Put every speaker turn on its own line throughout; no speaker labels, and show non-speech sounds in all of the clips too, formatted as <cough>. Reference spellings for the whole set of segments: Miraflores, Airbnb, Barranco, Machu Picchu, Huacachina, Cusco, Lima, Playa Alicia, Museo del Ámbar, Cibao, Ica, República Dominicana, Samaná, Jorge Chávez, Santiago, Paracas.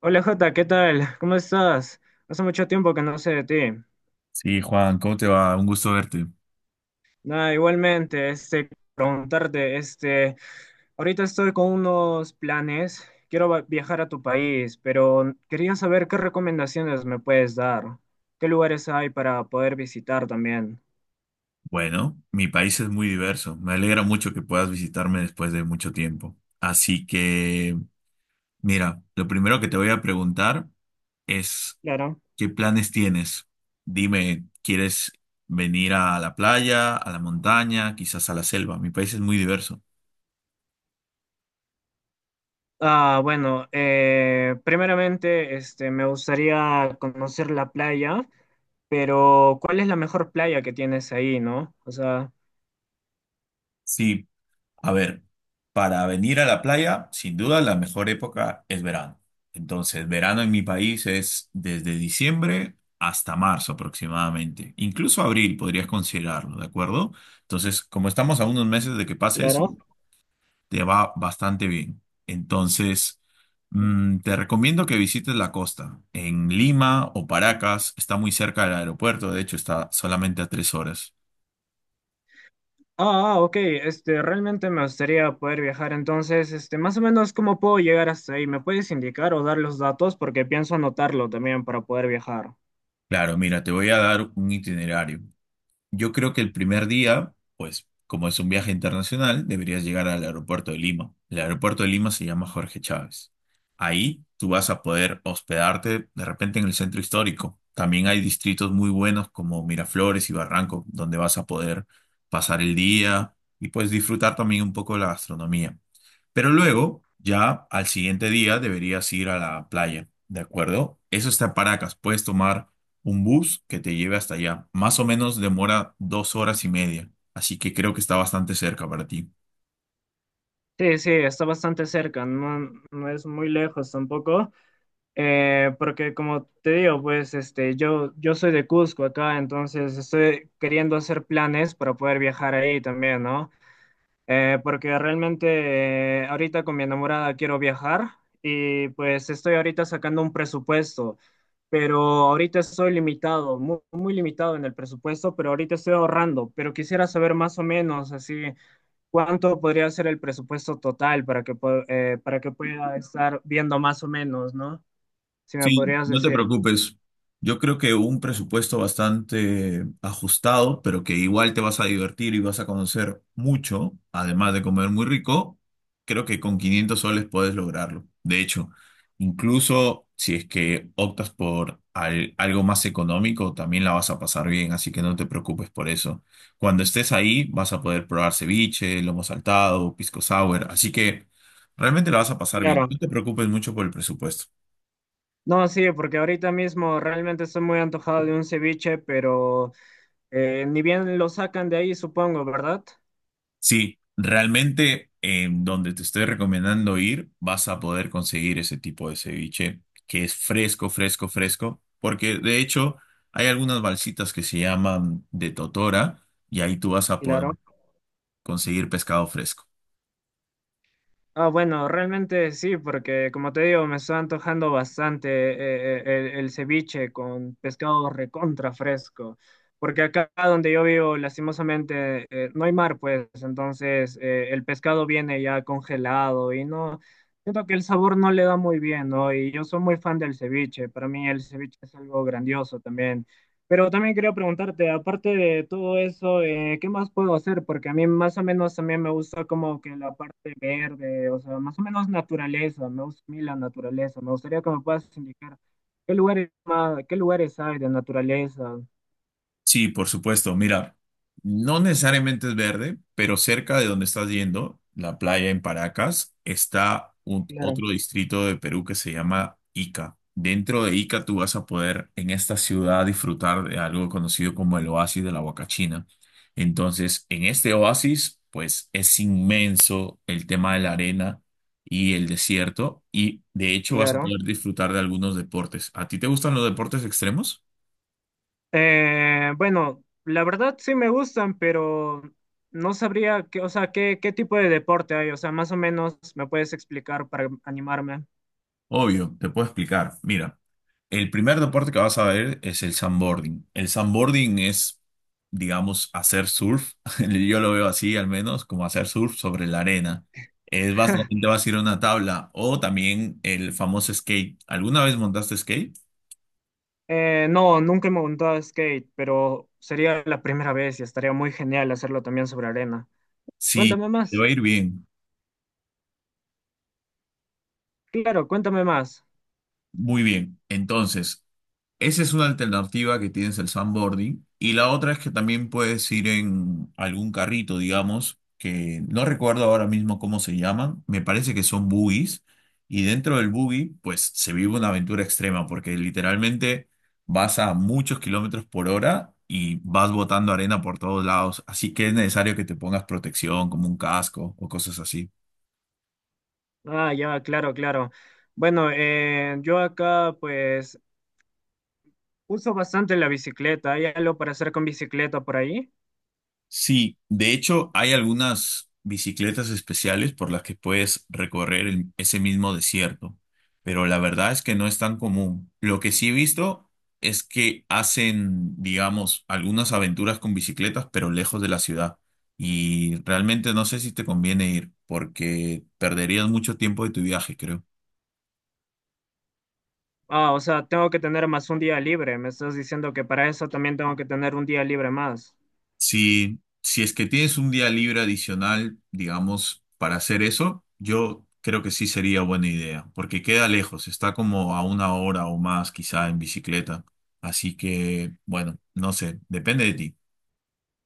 Hola Jota, ¿qué tal? ¿Cómo estás? Hace mucho tiempo que no sé de ti.
Sí, Juan, ¿cómo te va? Un gusto verte.
Nada, igualmente, preguntarte, ahorita estoy con unos planes, quiero viajar a tu país, pero quería saber qué recomendaciones me puedes dar, qué lugares hay para poder visitar también.
Bueno, mi país es muy diverso. Me alegra mucho que puedas visitarme después de mucho tiempo. Así que, mira, lo primero que te voy a preguntar es,
Claro.
¿qué planes tienes? Dime, ¿quieres venir a la playa, a la montaña, quizás a la selva? Mi país es muy diverso.
Ah, bueno, primeramente, me gustaría conocer la playa, pero ¿cuál es la mejor playa que tienes ahí, no? O sea,
Sí, a ver, para venir a la playa, sin duda la mejor época es verano. Entonces, verano en mi país es desde diciembre hasta marzo aproximadamente. Incluso abril podrías considerarlo, ¿de acuerdo? Entonces, como estamos a unos meses de que pase eso,
claro.
te va bastante bien. Entonces, te recomiendo que visites la costa. En Lima o Paracas, está muy cerca del aeropuerto, de hecho está solamente a 3 horas.
Ah, ah, ok, realmente me gustaría poder viajar, entonces, más o menos, ¿cómo puedo llegar hasta ahí? ¿Me puedes indicar o dar los datos? Porque pienso anotarlo también para poder viajar.
Claro, mira, te voy a dar un itinerario. Yo creo que el primer día, pues como es un viaje internacional, deberías llegar al aeropuerto de Lima. El aeropuerto de Lima se llama Jorge Chávez. Ahí tú vas a poder hospedarte de repente en el centro histórico. También hay distritos muy buenos como Miraflores y Barranco, donde vas a poder pasar el día y pues disfrutar también un poco de la gastronomía. Pero luego, ya al siguiente día, deberías ir a la playa, ¿de acuerdo? Eso está en Paracas. Puedes tomar un bus que te lleve hasta allá. Más o menos demora 2 horas y media, así que creo que está bastante cerca para ti.
Sí, sí, está bastante cerca, no, no es muy lejos tampoco, porque como te digo, pues, yo soy de Cusco acá, entonces estoy queriendo hacer planes para poder viajar ahí también, ¿no? Porque realmente ahorita con mi enamorada quiero viajar y pues estoy ahorita sacando un presupuesto, pero ahorita estoy limitado, muy, muy limitado en el presupuesto, pero ahorita estoy ahorrando, pero quisiera saber más o menos así cuánto podría ser el presupuesto total para que, para que pueda estar viendo más o menos, ¿no? Si me
Sí,
podrías
no te
decir.
preocupes. Yo creo que un presupuesto bastante ajustado, pero que igual te vas a divertir y vas a conocer mucho, además de comer muy rico, creo que con 500 soles puedes lograrlo. De hecho, incluso si es que optas por algo más económico, también la vas a pasar bien, así que no te preocupes por eso. Cuando estés ahí, vas a poder probar ceviche, lomo saltado, pisco sour, así que realmente la vas a pasar bien.
Claro.
No te preocupes mucho por el presupuesto.
No, sí, porque ahorita mismo realmente estoy muy antojado de un ceviche, pero ni bien lo sacan de ahí, supongo, ¿verdad?
Sí, realmente en donde te estoy recomendando ir, vas a poder conseguir ese tipo de ceviche que es fresco, fresco, fresco, porque de hecho hay algunas balsitas que se llaman de totora y ahí tú vas a
Claro.
poder conseguir pescado fresco.
Ah, bueno, realmente sí, porque como te digo, me está antojando bastante el ceviche con pescado recontra fresco, porque acá donde yo vivo, lastimosamente, no hay mar, pues, entonces el pescado viene ya congelado y no, siento que el sabor no le da muy bien, ¿no? Y yo soy muy fan del ceviche, para mí el ceviche es algo grandioso también. Pero también quería preguntarte, aparte de todo eso, ¿qué más puedo hacer? Porque a mí más o menos también me gusta como que la parte verde, o sea, más o menos naturaleza, me gusta a mí la naturaleza. Me gustaría que me puedas indicar qué lugares más, qué lugares hay de naturaleza.
Sí, por supuesto. Mira, no necesariamente es verde, pero cerca de donde estás yendo, la playa en Paracas, está
Claro.
otro distrito de Perú que se llama Ica. Dentro de Ica tú vas a poder en esta ciudad disfrutar de algo conocido como el oasis de la Huacachina. Entonces, en este oasis, pues es inmenso el tema de la arena y el desierto y de hecho vas a
Claro.
poder disfrutar de algunos deportes. ¿A ti te gustan los deportes extremos?
Bueno, la verdad sí me gustan, pero no sabría qué, o sea, qué tipo de deporte hay. O sea, más o menos me puedes explicar para animarme.
Obvio, te puedo explicar. Mira. El primer deporte que vas a ver es el sandboarding. El sandboarding es, digamos, hacer surf. <laughs> Yo lo veo así, al menos, como hacer surf sobre la arena. Es
<laughs>
básicamente vas a ir a una tabla o también el famoso skate. ¿Alguna vez montaste skate?
No, nunca me he montado a skate, pero sería la primera vez y estaría muy genial hacerlo también sobre arena.
Sí,
Cuéntame más.
te va a ir bien,
Claro, cuéntame más.
muy bien. Entonces, esa es una alternativa que tienes el sandboarding. Y la otra es que también puedes ir en algún carrito, digamos, que no recuerdo ahora mismo cómo se llaman. Me parece que son buggies. Y dentro del buggy, pues se vive una aventura extrema, porque literalmente vas a muchos kilómetros por hora y vas botando arena por todos lados. Así que es necesario que te pongas protección, como un casco o cosas así.
Ah, ya, claro, claro. Bueno, yo acá pues uso bastante la bicicleta. ¿Hay algo para hacer con bicicleta por ahí?
Sí, de hecho hay algunas bicicletas especiales por las que puedes recorrer ese mismo desierto, pero la verdad es que no es tan común. Lo que sí he visto es que hacen, digamos, algunas aventuras con bicicletas, pero lejos de la ciudad. Y realmente no sé si te conviene ir, porque perderías mucho tiempo de tu viaje, creo.
Ah, o sea, tengo que tener más un día libre. Me estás diciendo que para eso también tengo que tener un día libre más.
Si es que tienes un día libre adicional, digamos, para hacer eso, yo creo que sí sería buena idea, porque queda lejos, está como a una hora o más quizá en bicicleta. Así que, bueno, no sé, depende de ti.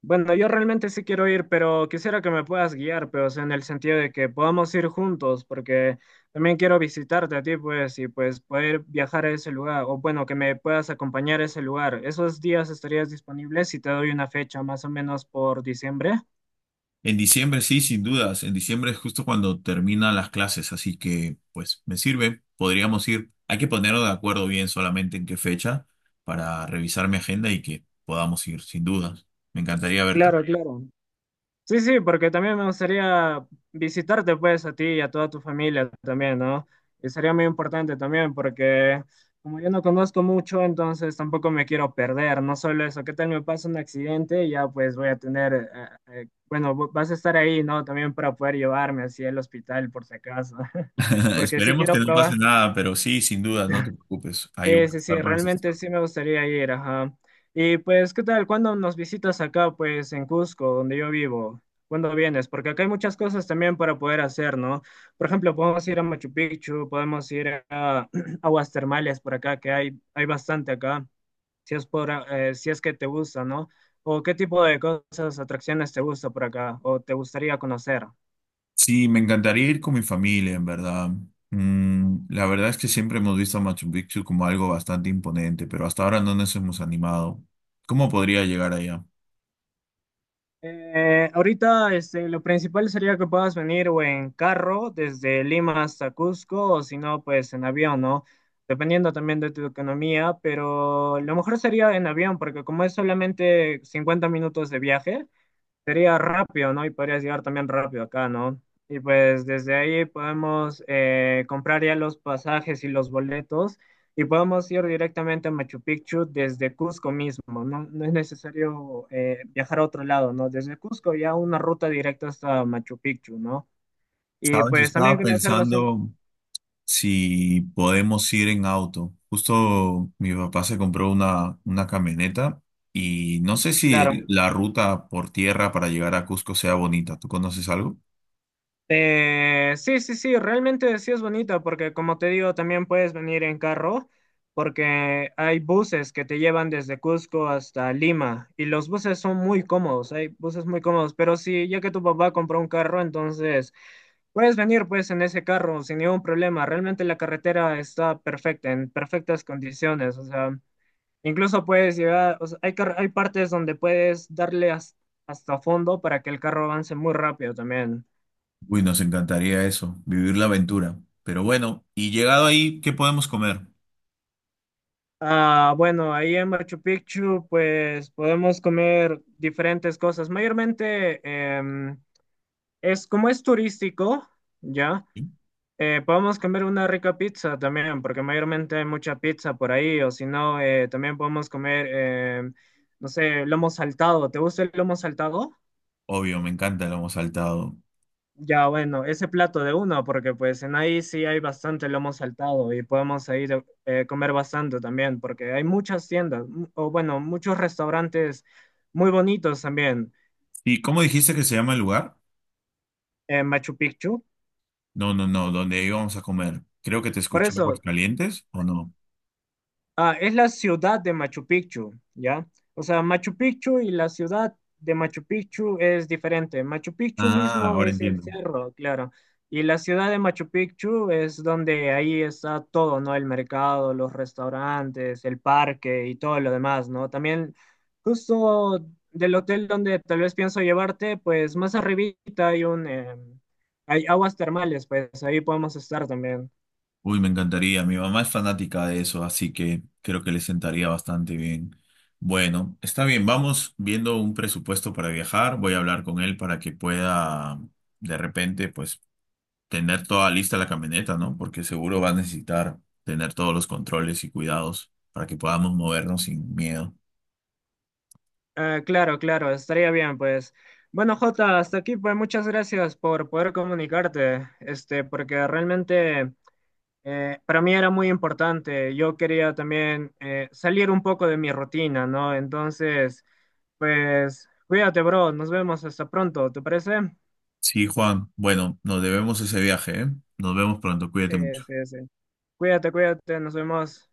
Bueno, yo realmente sí quiero ir, pero quisiera que me puedas guiar, pero o sea, en el sentido de que podamos ir juntos, porque también quiero visitarte a ti, pues, y pues poder viajar a ese lugar, o bueno, que me puedas acompañar a ese lugar. ¿Esos días estarías disponible si te doy una fecha más o menos por diciembre?
En diciembre sí, sin dudas, en diciembre es justo cuando terminan las clases, así que, pues, me sirve, podríamos ir. Hay que ponernos de acuerdo bien solamente en qué fecha para revisar mi agenda y que podamos ir, sin dudas. Me encantaría verte.
Claro, claro. Sí, sí, porque también me gustaría visitarte pues a ti y a toda tu familia también, ¿no? Y sería muy importante también porque como yo no conozco mucho, entonces tampoco me quiero perder, no solo eso, ¿qué tal me pasa un accidente? Y ya pues voy a tener, bueno, vas a estar ahí, ¿no? También para poder llevarme así al hospital por si acaso. <laughs>
<laughs>
Porque sí
Esperemos que
quiero
no pase
probar.
nada, pero sí, sin duda, no te preocupes. Ahí voy
Sí,
a
sí, sí,
estar para asistir.
realmente sí me gustaría ir, ajá. Y pues, ¿qué tal? ¿Cuándo nos visitas acá, pues, en Cusco, donde yo vivo? ¿Cuándo vienes? Porque acá hay muchas cosas también para poder hacer, ¿no? Por ejemplo, podemos ir a Machu Picchu, podemos ir a <clears throat> aguas termales por acá, que hay bastante acá, si es por, si es que te gusta, ¿no? ¿O qué tipo de cosas, atracciones te gusta por acá o te gustaría conocer?
Sí, me encantaría ir con mi familia, en verdad. La verdad es que siempre hemos visto a Machu Picchu como algo bastante imponente, pero hasta ahora no nos hemos animado. ¿Cómo podría llegar allá?
Ahorita lo principal sería que puedas venir o en carro desde Lima hasta Cusco o si no, pues en avión, ¿no? Dependiendo también de tu economía, pero lo mejor sería en avión porque como es solamente 50 minutos de viaje, sería rápido, ¿no? Y podrías llegar también rápido acá, ¿no? Y pues desde ahí podemos comprar ya los pasajes y los boletos y podemos ir directamente a Machu Picchu desde Cusco mismo, ¿no? No es necesario viajar a otro lado, ¿no? Desde Cusco ya una ruta directa hasta Machu Picchu, ¿no? Y
Sabes,
pues también
estaba
conocer bastante,
pensando si podemos ir en auto. Justo mi papá se compró una camioneta y no sé si
claro.
la ruta por tierra para llegar a Cusco sea bonita. ¿Tú conoces algo?
Sí, sí, sí, realmente sí es bonita porque como te digo, también puedes venir en carro porque hay buses que te llevan desde Cusco hasta Lima y los buses son muy cómodos, hay buses muy cómodos, pero sí, ya que tu papá compró un carro, entonces puedes venir pues en ese carro sin ningún problema, realmente la carretera está perfecta, en perfectas condiciones, o sea, incluso puedes llegar, o sea, hay, hay partes donde puedes darle hasta fondo para que el carro avance muy rápido también.
Uy, nos encantaría eso, vivir la aventura. Pero bueno, y llegado ahí, ¿qué podemos comer?
Ah, bueno, ahí en Machu Picchu, pues podemos comer diferentes cosas. Mayormente em, es como es turístico, ya,
Sí.
podemos comer una rica pizza también, porque mayormente hay mucha pizza por ahí, o si no, también podemos comer, no sé, lomo saltado. ¿Te gusta el lomo saltado?
Obvio, me encanta el lomo saltado.
Ya, bueno, ese plato de uno, porque pues en ahí sí hay bastante lomo saltado y podemos ir comer bastante también, porque hay muchas tiendas, o bueno, muchos restaurantes muy bonitos también
¿Y cómo dijiste que se llama el lugar?
en Machu Picchu.
No, no, no, donde íbamos a comer. Creo que te
Por
escuché
eso,
Aguascalientes, ¿o no?
ah, es la ciudad de Machu Picchu, ¿ya? O sea, Machu Picchu y la ciudad de Machu Picchu es diferente. Machu Picchu
Ah,
mismo
ahora
es el
entiendo.
cerro, claro. Y la ciudad de Machu Picchu es donde ahí está todo, ¿no? El mercado, los restaurantes, el parque y todo lo demás, ¿no? También justo del hotel donde tal vez pienso llevarte, pues más arribita hay un, hay aguas termales, pues ahí podemos estar también.
Uy, me encantaría. Mi mamá es fanática de eso, así que creo que le sentaría bastante bien. Bueno, está bien, vamos viendo un presupuesto para viajar. Voy a hablar con él para que pueda, de repente, pues tener toda lista la camioneta, ¿no? Porque seguro va a necesitar tener todos los controles y cuidados para que podamos movernos sin miedo.
Ah, claro, claro, estaría bien, pues. Bueno, Jota, hasta aquí, pues muchas gracias por poder comunicarte, porque realmente para mí era muy importante. Yo quería también salir un poco de mi rutina, ¿no? Entonces, pues, cuídate, bro, nos vemos hasta pronto, ¿te parece?
Sí, Juan, bueno, nos debemos ese viaje, ¿eh? Nos vemos pronto,
Sí,
cuídate mucho.
sí, sí. Cuídate, cuídate, nos vemos.